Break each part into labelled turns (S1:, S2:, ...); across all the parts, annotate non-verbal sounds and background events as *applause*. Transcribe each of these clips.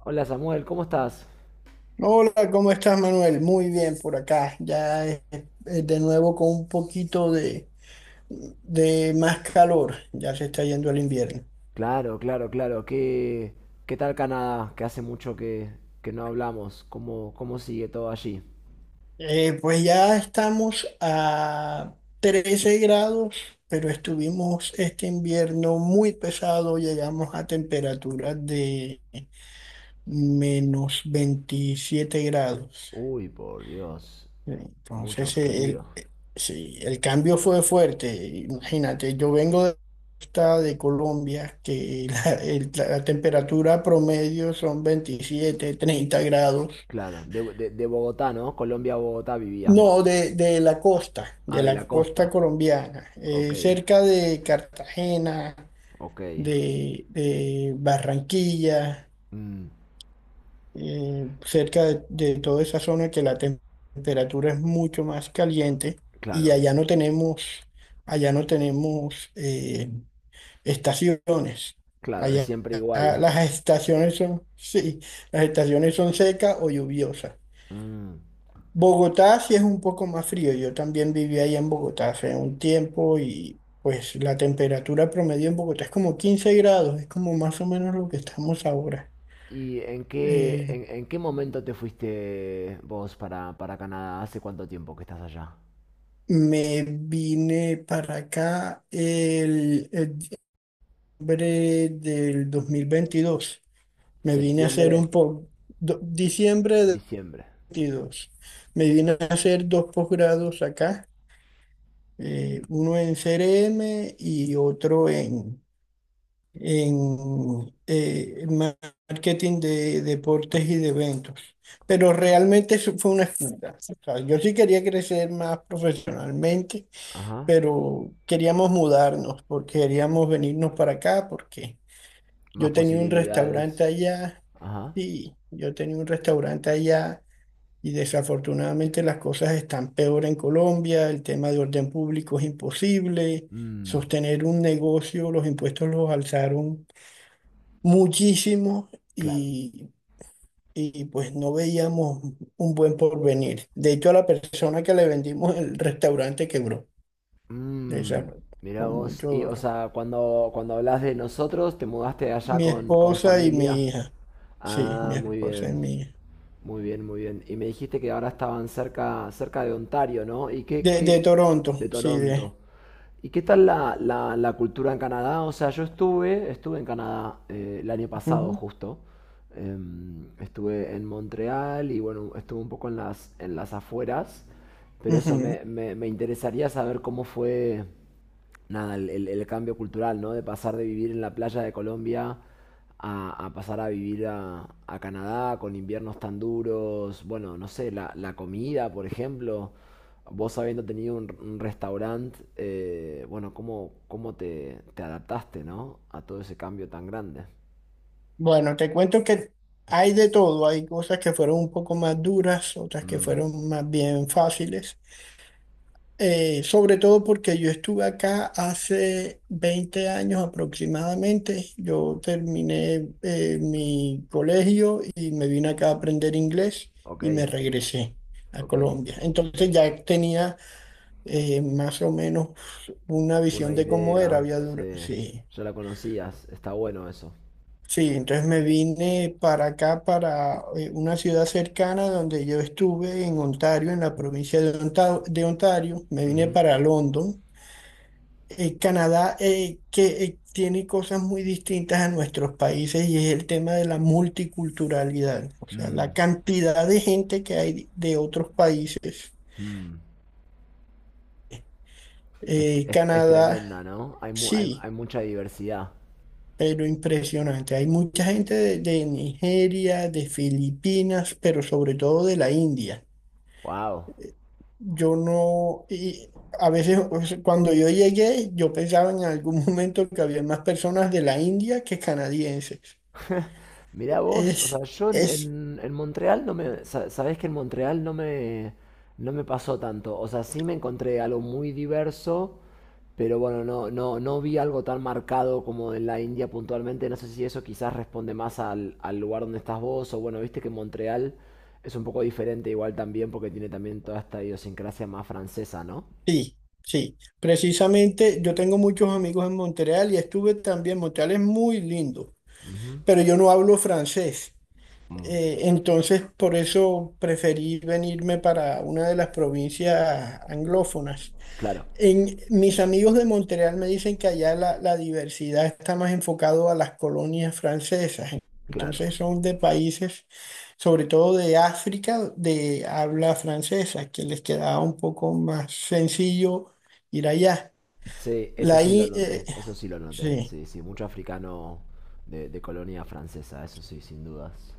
S1: Hola Samuel, ¿cómo estás?
S2: Hola, ¿cómo estás, Manuel? Muy bien por acá. Ya de nuevo con un poquito de más calor. Ya se está yendo el invierno.
S1: Claro, claro, claro. ¿Qué tal Canadá? Que hace mucho que no hablamos. ¿Cómo sigue todo allí?
S2: Pues ya estamos a 13 grados, pero estuvimos este invierno muy pesado. Llegamos a temperaturas de menos 27 grados.
S1: Uy, por Dios. Mucho
S2: Entonces,
S1: frío.
S2: sí, el cambio fue fuerte. Imagínate, yo vengo de, costa de Colombia, que *laughs* la temperatura promedio son 27 30 grados.
S1: Claro, de Bogotá, ¿no? Colombia, a Bogotá vivías
S2: No,
S1: vos. Ah,
S2: de
S1: de la
S2: la costa
S1: costa.
S2: colombiana,
S1: Ok,
S2: cerca de Cartagena,
S1: ok.
S2: de Barranquilla.
S1: Mm,
S2: Cerca de toda esa zona que la temperatura es mucho más caliente y
S1: claro,
S2: allá no tenemos estaciones.
S1: claro, es
S2: Allá
S1: siempre igual.
S2: las estaciones son, sí, las estaciones son secas o lluviosas.
S1: Mm.
S2: Bogotá sí es un poco más frío. Yo también viví allá en Bogotá hace un tiempo y pues la temperatura promedio en Bogotá es como 15 grados, es como más o menos lo que estamos ahora.
S1: ¿Y en qué,
S2: Eh,
S1: en, en qué momento te fuiste vos para Canadá? ¿Hace cuánto tiempo que estás allá?
S2: Me vine para acá el diciembre del 2022. Me vine a hacer
S1: Septiembre.
S2: diciembre del
S1: Diciembre.
S2: 22. Me vine a hacer dos posgrados acá, uno en CRM y otro en marketing de deportes y de eventos. Pero realmente eso fue una excusa. O sea, yo sí quería crecer más profesionalmente
S1: Ajá.
S2: pero queríamos mudarnos porque queríamos venirnos para acá porque
S1: Más
S2: yo tenía un restaurante
S1: posibilidades.
S2: allá,
S1: Ajá.
S2: sí, yo tenía un restaurante allá y desafortunadamente las cosas están peor en Colombia, el tema de orden público es imposible,
S1: Mm,
S2: sostener un negocio, los impuestos los alzaron muchísimo
S1: claro.
S2: y... Y pues no veíamos un buen porvenir. De hecho, a la persona que le vendimos el restaurante quebró. Desa-
S1: Mm, mira
S2: con
S1: vos.
S2: mucho
S1: Y, o
S2: dolor.
S1: sea, cuando hablas de nosotros, te mudaste allá
S2: Mi
S1: con
S2: esposa y
S1: familia.
S2: mi hija. Sí, mi
S1: Ah, muy
S2: esposa y
S1: bien.
S2: mi hija.
S1: Muy bien, muy bien. Y me dijiste que ahora estaban cerca, cerca de Ontario, ¿no? ¿Y qué,
S2: De
S1: qué,
S2: Toronto,
S1: de
S2: sí, de.
S1: Toronto? ¿Y qué tal la cultura en Canadá? O sea, yo estuve, estuve en Canadá el año pasado
S2: Ujú,
S1: justo. Estuve en Montreal y bueno, estuve un poco en las afueras, pero eso
S2: ujú.
S1: me interesaría saber cómo fue, nada, el cambio cultural, ¿no? De pasar de vivir en la playa de Colombia a pasar a vivir a Canadá con inviernos tan duros, bueno, no sé, la comida, por ejemplo, vos habiendo tenido un restaurante, bueno, ¿cómo te adaptaste, ¿no? A todo ese cambio tan grande.
S2: Bueno, te cuento que hay de todo. Hay cosas que fueron un poco más duras, otras que
S1: Mm,
S2: fueron más bien fáciles. Sobre todo porque yo estuve acá hace 20 años aproximadamente. Yo terminé mi colegio y me vine acá a aprender inglés
S1: ok,
S2: y me regresé a
S1: ok.
S2: Colombia. Entonces ya tenía más o menos una
S1: Una
S2: visión de cómo era.
S1: idea, sí.
S2: Sí,
S1: Ya la conocías, está bueno eso.
S2: sí, entonces me vine para acá, para una ciudad cercana donde yo estuve en Ontario, en la provincia de Ontario, de Ontario. Me vine
S1: Ujú.
S2: para London. Canadá que tiene cosas muy distintas a nuestros países y es el tema de la multiculturalidad, o sea,
S1: Mm,
S2: la cantidad de gente que hay de otros países.
S1: mm. Es, es- es
S2: Canadá,
S1: tremenda, ¿no? Hay, mu- hay,
S2: sí.
S1: hay mucha diversidad.
S2: Pero impresionante. Hay mucha gente de Nigeria, de Filipinas, pero sobre todo de la India.
S1: Wow.
S2: Yo no, y a veces o sea, cuando yo llegué, yo pensaba en algún *laughs* momento que había más personas de la India que canadienses.
S1: Mirá vos, o
S2: Es,
S1: sea, yo en,
S2: es,
S1: en- en Montreal no me... sa- Sabés que en Montreal no me, no me pasó tanto. O sea, sí me encontré algo muy diverso, pero bueno, no, no, no vi algo tan marcado como en la India puntualmente. No sé si eso quizás responde más al lugar donde estás vos, o bueno, viste que Montreal es un poco diferente igual también porque tiene también toda esta idiosincrasia más francesa, ¿no?
S2: sí, sí. Precisamente yo tengo muchos amigos en Montreal y estuve también. Montreal es muy lindo,
S1: Ujú.
S2: pero yo no hablo francés.
S1: Mm,
S2: Entonces, por eso preferí venirme para una de las provincias anglófonas.
S1: claro,
S2: En, mis amigos de Montreal me dicen que allá la diversidad está más enfocado a las colonias francesas.
S1: claro.
S2: Entonces, son de países, sobre todo de África, de habla francesa, que les quedaba un poco más sencillo ir allá.
S1: Sí, eso
S2: La,
S1: sí lo
S2: i- eh,
S1: noté, eso sí lo noté.
S2: sí.
S1: Sí, sí, mucho africano de colonia francesa, eso sí, sin dudas.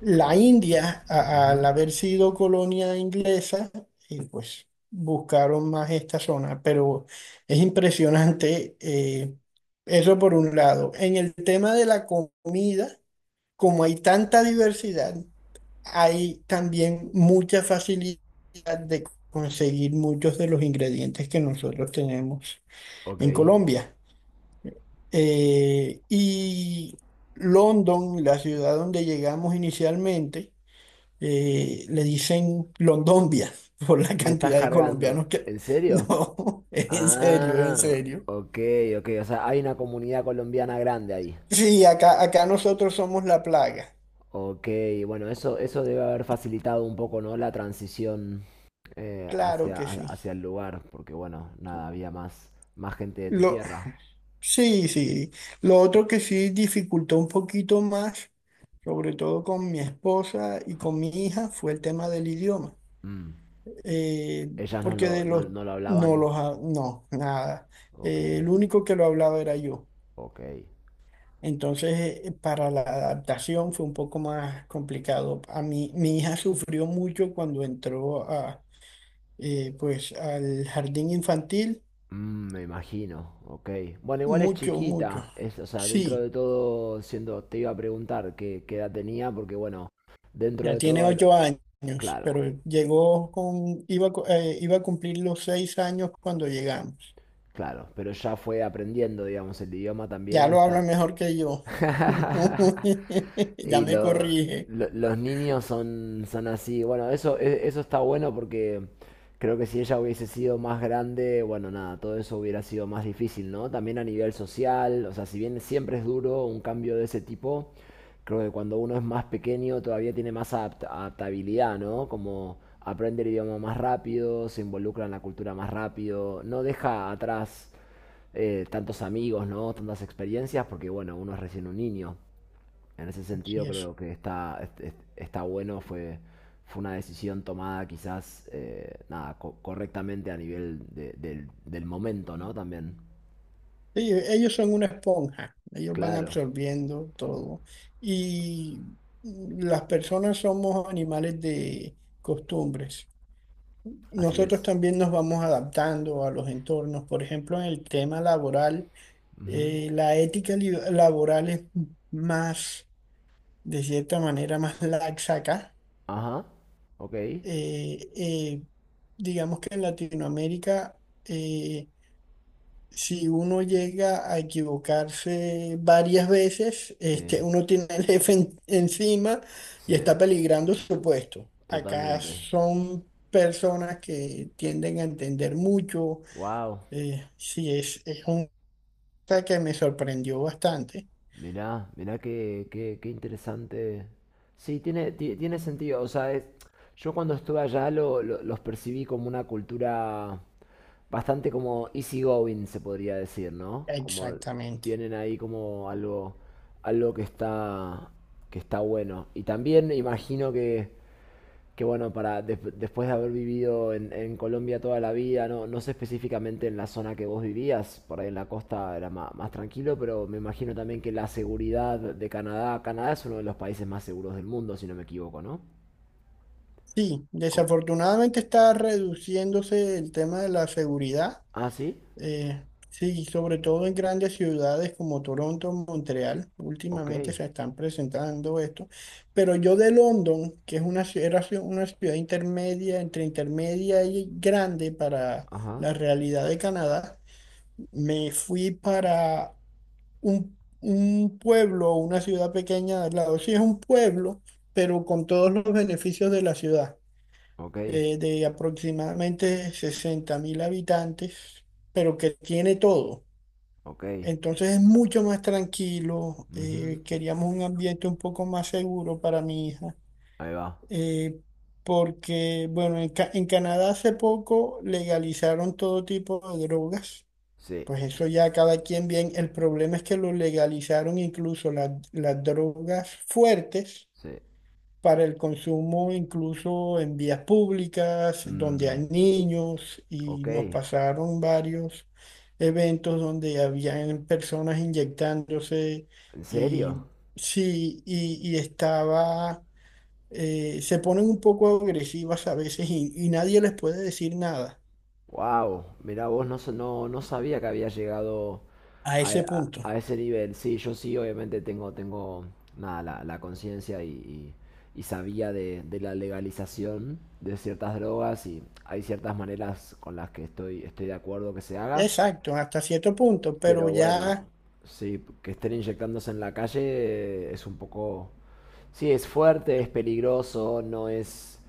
S2: La
S1: Claro.
S2: India, al haber sido colonia inglesa, y pues buscaron más esta zona, pero es impresionante eso por un lado. En el tema de la comida, como hay tanta diversidad, hay también mucha facilidad de conseguir muchos de los ingredientes que nosotros tenemos
S1: Ok.
S2: en Colombia. Y London, la ciudad donde llegamos inicialmente, le dicen Londombia *laughs* por la
S1: Me estás
S2: cantidad de
S1: cargando.
S2: colombianos que...
S1: ¿En
S2: *laughs*
S1: serio?
S2: No, es en serio, es en
S1: Ah,
S2: serio.
S1: ok, ok. O sea, hay una comunidad colombiana grande ahí.
S2: Sí, acá, acá nosotros somos la plaga.
S1: Ok, bueno, eso debe haber facilitado un poco, ¿no? La transición
S2: Claro
S1: hacia,
S2: que
S1: ha-
S2: sí.
S1: hacia el lugar, porque bueno, nada, había más, más gente de tu
S2: Lo,
S1: tierra.
S2: sí, sí. Lo otro que sí dificultó un poquito más, sobre todo con mi esposa y con mi hija, fue el tema del idioma.
S1: Mm.
S2: Eh,
S1: Ellas no
S2: porque
S1: lo,
S2: de
S1: no,
S2: los...
S1: no lo
S2: No
S1: hablaban.
S2: los... ha- No, nada.
S1: Ok,
S2: El único que lo hablaba era yo.
S1: ok.
S2: Entonces, para la adaptación fue un poco más complicado. A mí, mi hija *laughs* sufrió mucho cuando entró a, pues, al jardín infantil,
S1: Mm, me imagino, ok. Bueno, igual es
S2: mucho, mucho.
S1: chiquita, es, o sea, dentro
S2: Sí,
S1: de todo, siendo, te iba a preguntar qué, qué edad tenía, porque bueno, dentro
S2: ya
S1: de todo,
S2: tiene
S1: al-
S2: 8 años,
S1: claro,
S2: pero llegó con, iba, iba a cumplir los 6 años cuando llegamos.
S1: claro, pero ya fue aprendiendo, digamos, el idioma también
S2: Ya lo habla
S1: está.
S2: mejor que yo.
S1: *laughs*
S2: *laughs* Ya
S1: Y
S2: me corrige.
S1: lo- los niños son, son así. Bueno, eso, e- eso está bueno porque creo que si ella hubiese sido más grande, bueno, nada, todo eso hubiera sido más difícil, ¿no? También a nivel social, o sea, si bien siempre es duro un cambio de ese tipo, creo que cuando uno es más pequeño todavía tiene más adapt- adaptabilidad, ¿no? Como aprende el idioma más rápido, se involucra en la cultura más rápido, no deja atrás tantos amigos, ¿no? Tantas experiencias, porque bueno, uno es recién un niño. En ese
S2: Sí,
S1: sentido creo que está, está bueno, fue, fue una decisión tomada quizás nada, co- correctamente a nivel de- del, del momento, ¿no? También.
S2: Ellos son una esponja, ellos van
S1: Claro,
S2: absorbiendo todo. Y mm, las personas somos animales de costumbres.
S1: así
S2: Nosotros
S1: es.
S2: también nos vamos adaptando a los entornos. Por ejemplo, en el tema laboral, la ética laboral es más, de cierta manera, más laxa acá.
S1: Ajá, ok.
S2: Eh, eh, digamos que en Latinoamérica eh, si uno llega a equivocarse varias veces, este,
S1: Sí,
S2: uno tiene el jefe encima
S1: sí,
S2: y está peligrando su puesto. Acá
S1: totalmente.
S2: son personas que tienden a entender mucho.
S1: Wow.
S2: Sí, es una cosa que me sorprendió bastante.
S1: Mirá, mirá qué interesante. Sí, tiene, ti- tiene sentido. O sea, es- yo cuando estuve allá lo- los percibí como una cultura bastante como easygoing, se podría decir, ¿no? Como
S2: Exactamente.
S1: tienen ahí como algo, algo que está bueno. Y también imagino que bueno, para des- después de haber vivido en Colombia toda la vida, no, no sé específicamente en la zona que vos vivías, por ahí en la costa era ma- más, tranquilo, pero me imagino también que la seguridad de Canadá, Canadá es uno de los países más seguros del mundo, si no me equivoco, ¿no?
S2: Sí,
S1: Co-
S2: desafortunadamente está reduciéndose el tema de la seguridad.
S1: ah, sí,
S2: Eh, sí, sobre todo en grandes ciudades como Toronto, Montreal,
S1: ok,
S2: últimamente se están presentando esto. Pero yo de London, que es una, ci- era ci- una ciudad intermedia, entre intermedia y grande para
S1: ajá,
S2: la realidad de Canadá, me fui para un pueblo, una ciudad pequeña al lado. Sí, es un pueblo, pero con todos los beneficios de la ciudad,
S1: ok,
S2: de aproximadamente 60.000 habitantes, pero que tiene todo.
S1: ok,
S2: Entonces es mucho más tranquilo.
S1: ujú,
S2: Eh, queríamos un ambiente un poco más seguro para mi hija.
S1: ahí va,
S2: Eh, porque, bueno, en Canadá hace poco legalizaron todo tipo de drogas.
S1: sí,
S2: Pues eso ya cada quien bien. El problema es que lo legalizaron incluso las drogas fuertes
S1: sí,
S2: para el consumo incluso en vías públicas, donde
S1: mm,
S2: hay niños, y
S1: ok,
S2: nos pasaron varios eventos donde habían personas inyectándose
S1: ¿en serio?
S2: y sí, y estaba, se ponen un poco agresivas a veces y nadie les puede decir nada
S1: Wow, mirá vos, no, sa- no, no sabía que había llegado
S2: a ese punto.
S1: a ese nivel. Sí, yo sí, obviamente tengo, tengo nada, la conciencia y sabía de la legalización de ciertas drogas y hay ciertas maneras con las que estoy, estoy de acuerdo que se haga,
S2: Exacto, hasta cierto punto, pero
S1: pero bueno,
S2: ya...
S1: sí, que estén inyectándose en la calle es un poco... Sí, es fuerte, es peligroso, no es...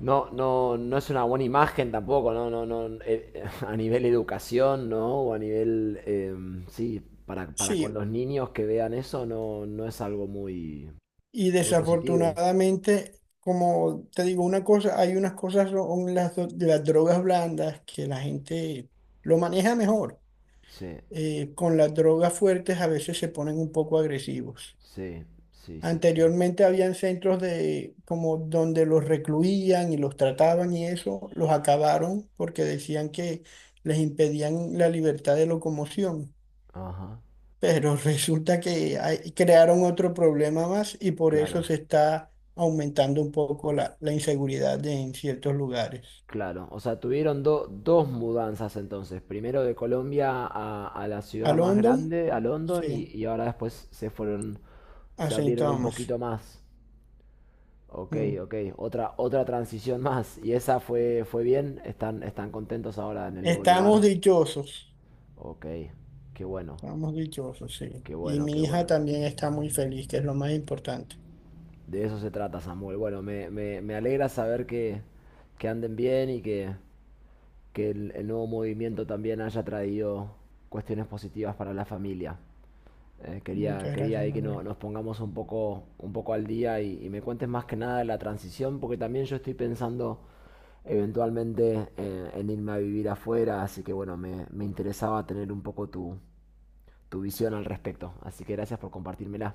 S1: No, no, no es una buena imagen tampoco, no, no, no. *laughs* A nivel educación, ¿no? O a nivel, sí, para con
S2: Sí,
S1: los niños que vean eso, no, no es algo muy,
S2: y
S1: muy positivo.
S2: desafortunadamente, como te digo una cosa, hay unas cosas, son las, de las drogas blandas que la gente lo maneja mejor.
S1: Sí,
S2: Con las drogas fuertes a veces se ponen un poco agresivos.
S1: sí, sí, sí, sí.
S2: Anteriormente habían centros de como donde los recluían y los trataban y eso, los acabaron porque decían que les impedían la libertad de locomoción.
S1: Ajá,
S2: Pero resulta que crearon otro problema más y por eso
S1: claro,
S2: se está aumentando un poco la inseguridad en ciertos lugares.
S1: claro. O sea, tuvieron do- dos mudanzas entonces. Primero de Colombia a la
S2: ¿A
S1: ciudad más
S2: London?
S1: grande, a London,
S2: Sí,
S1: y ahora después se fueron,
S2: a
S1: se
S2: Saint
S1: abrieron un
S2: Thomas.
S1: poquito más. Ok,
S2: Mm.
S1: ok. Otra, otra transición más. ¿Y esa fue, fue bien? ¿Están, están contentos ahora en el nuevo
S2: Estamos
S1: lugar?
S2: dichosos,
S1: Ok, qué bueno,
S2: estamos dichosos, sí.
S1: qué
S2: Y
S1: bueno, qué
S2: mi hija
S1: bueno.
S2: también está muy feliz, que es lo más importante.
S1: De eso se trata, Samuel. Bueno, me alegra saber que anden bien y que el nuevo movimiento también haya traído cuestiones positivas para la familia. Quería,
S2: Muchas
S1: quería
S2: gracias,
S1: ahí que no-
S2: Manuel.
S1: nos pongamos un poco al día y me cuentes más que nada de la transición, porque también yo estoy pensando eventualmente en irme a vivir afuera, así que bueno, me interesaba tener un poco tu, tu visión al respecto. Así que gracias por compartírmela.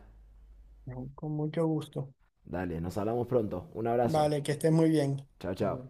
S2: No, con mucho gusto.
S1: Dale, nos hablamos pronto. Un abrazo.
S2: Vale, que estés muy bien.
S1: Chao,
S2: Hasta
S1: chao.
S2: luego.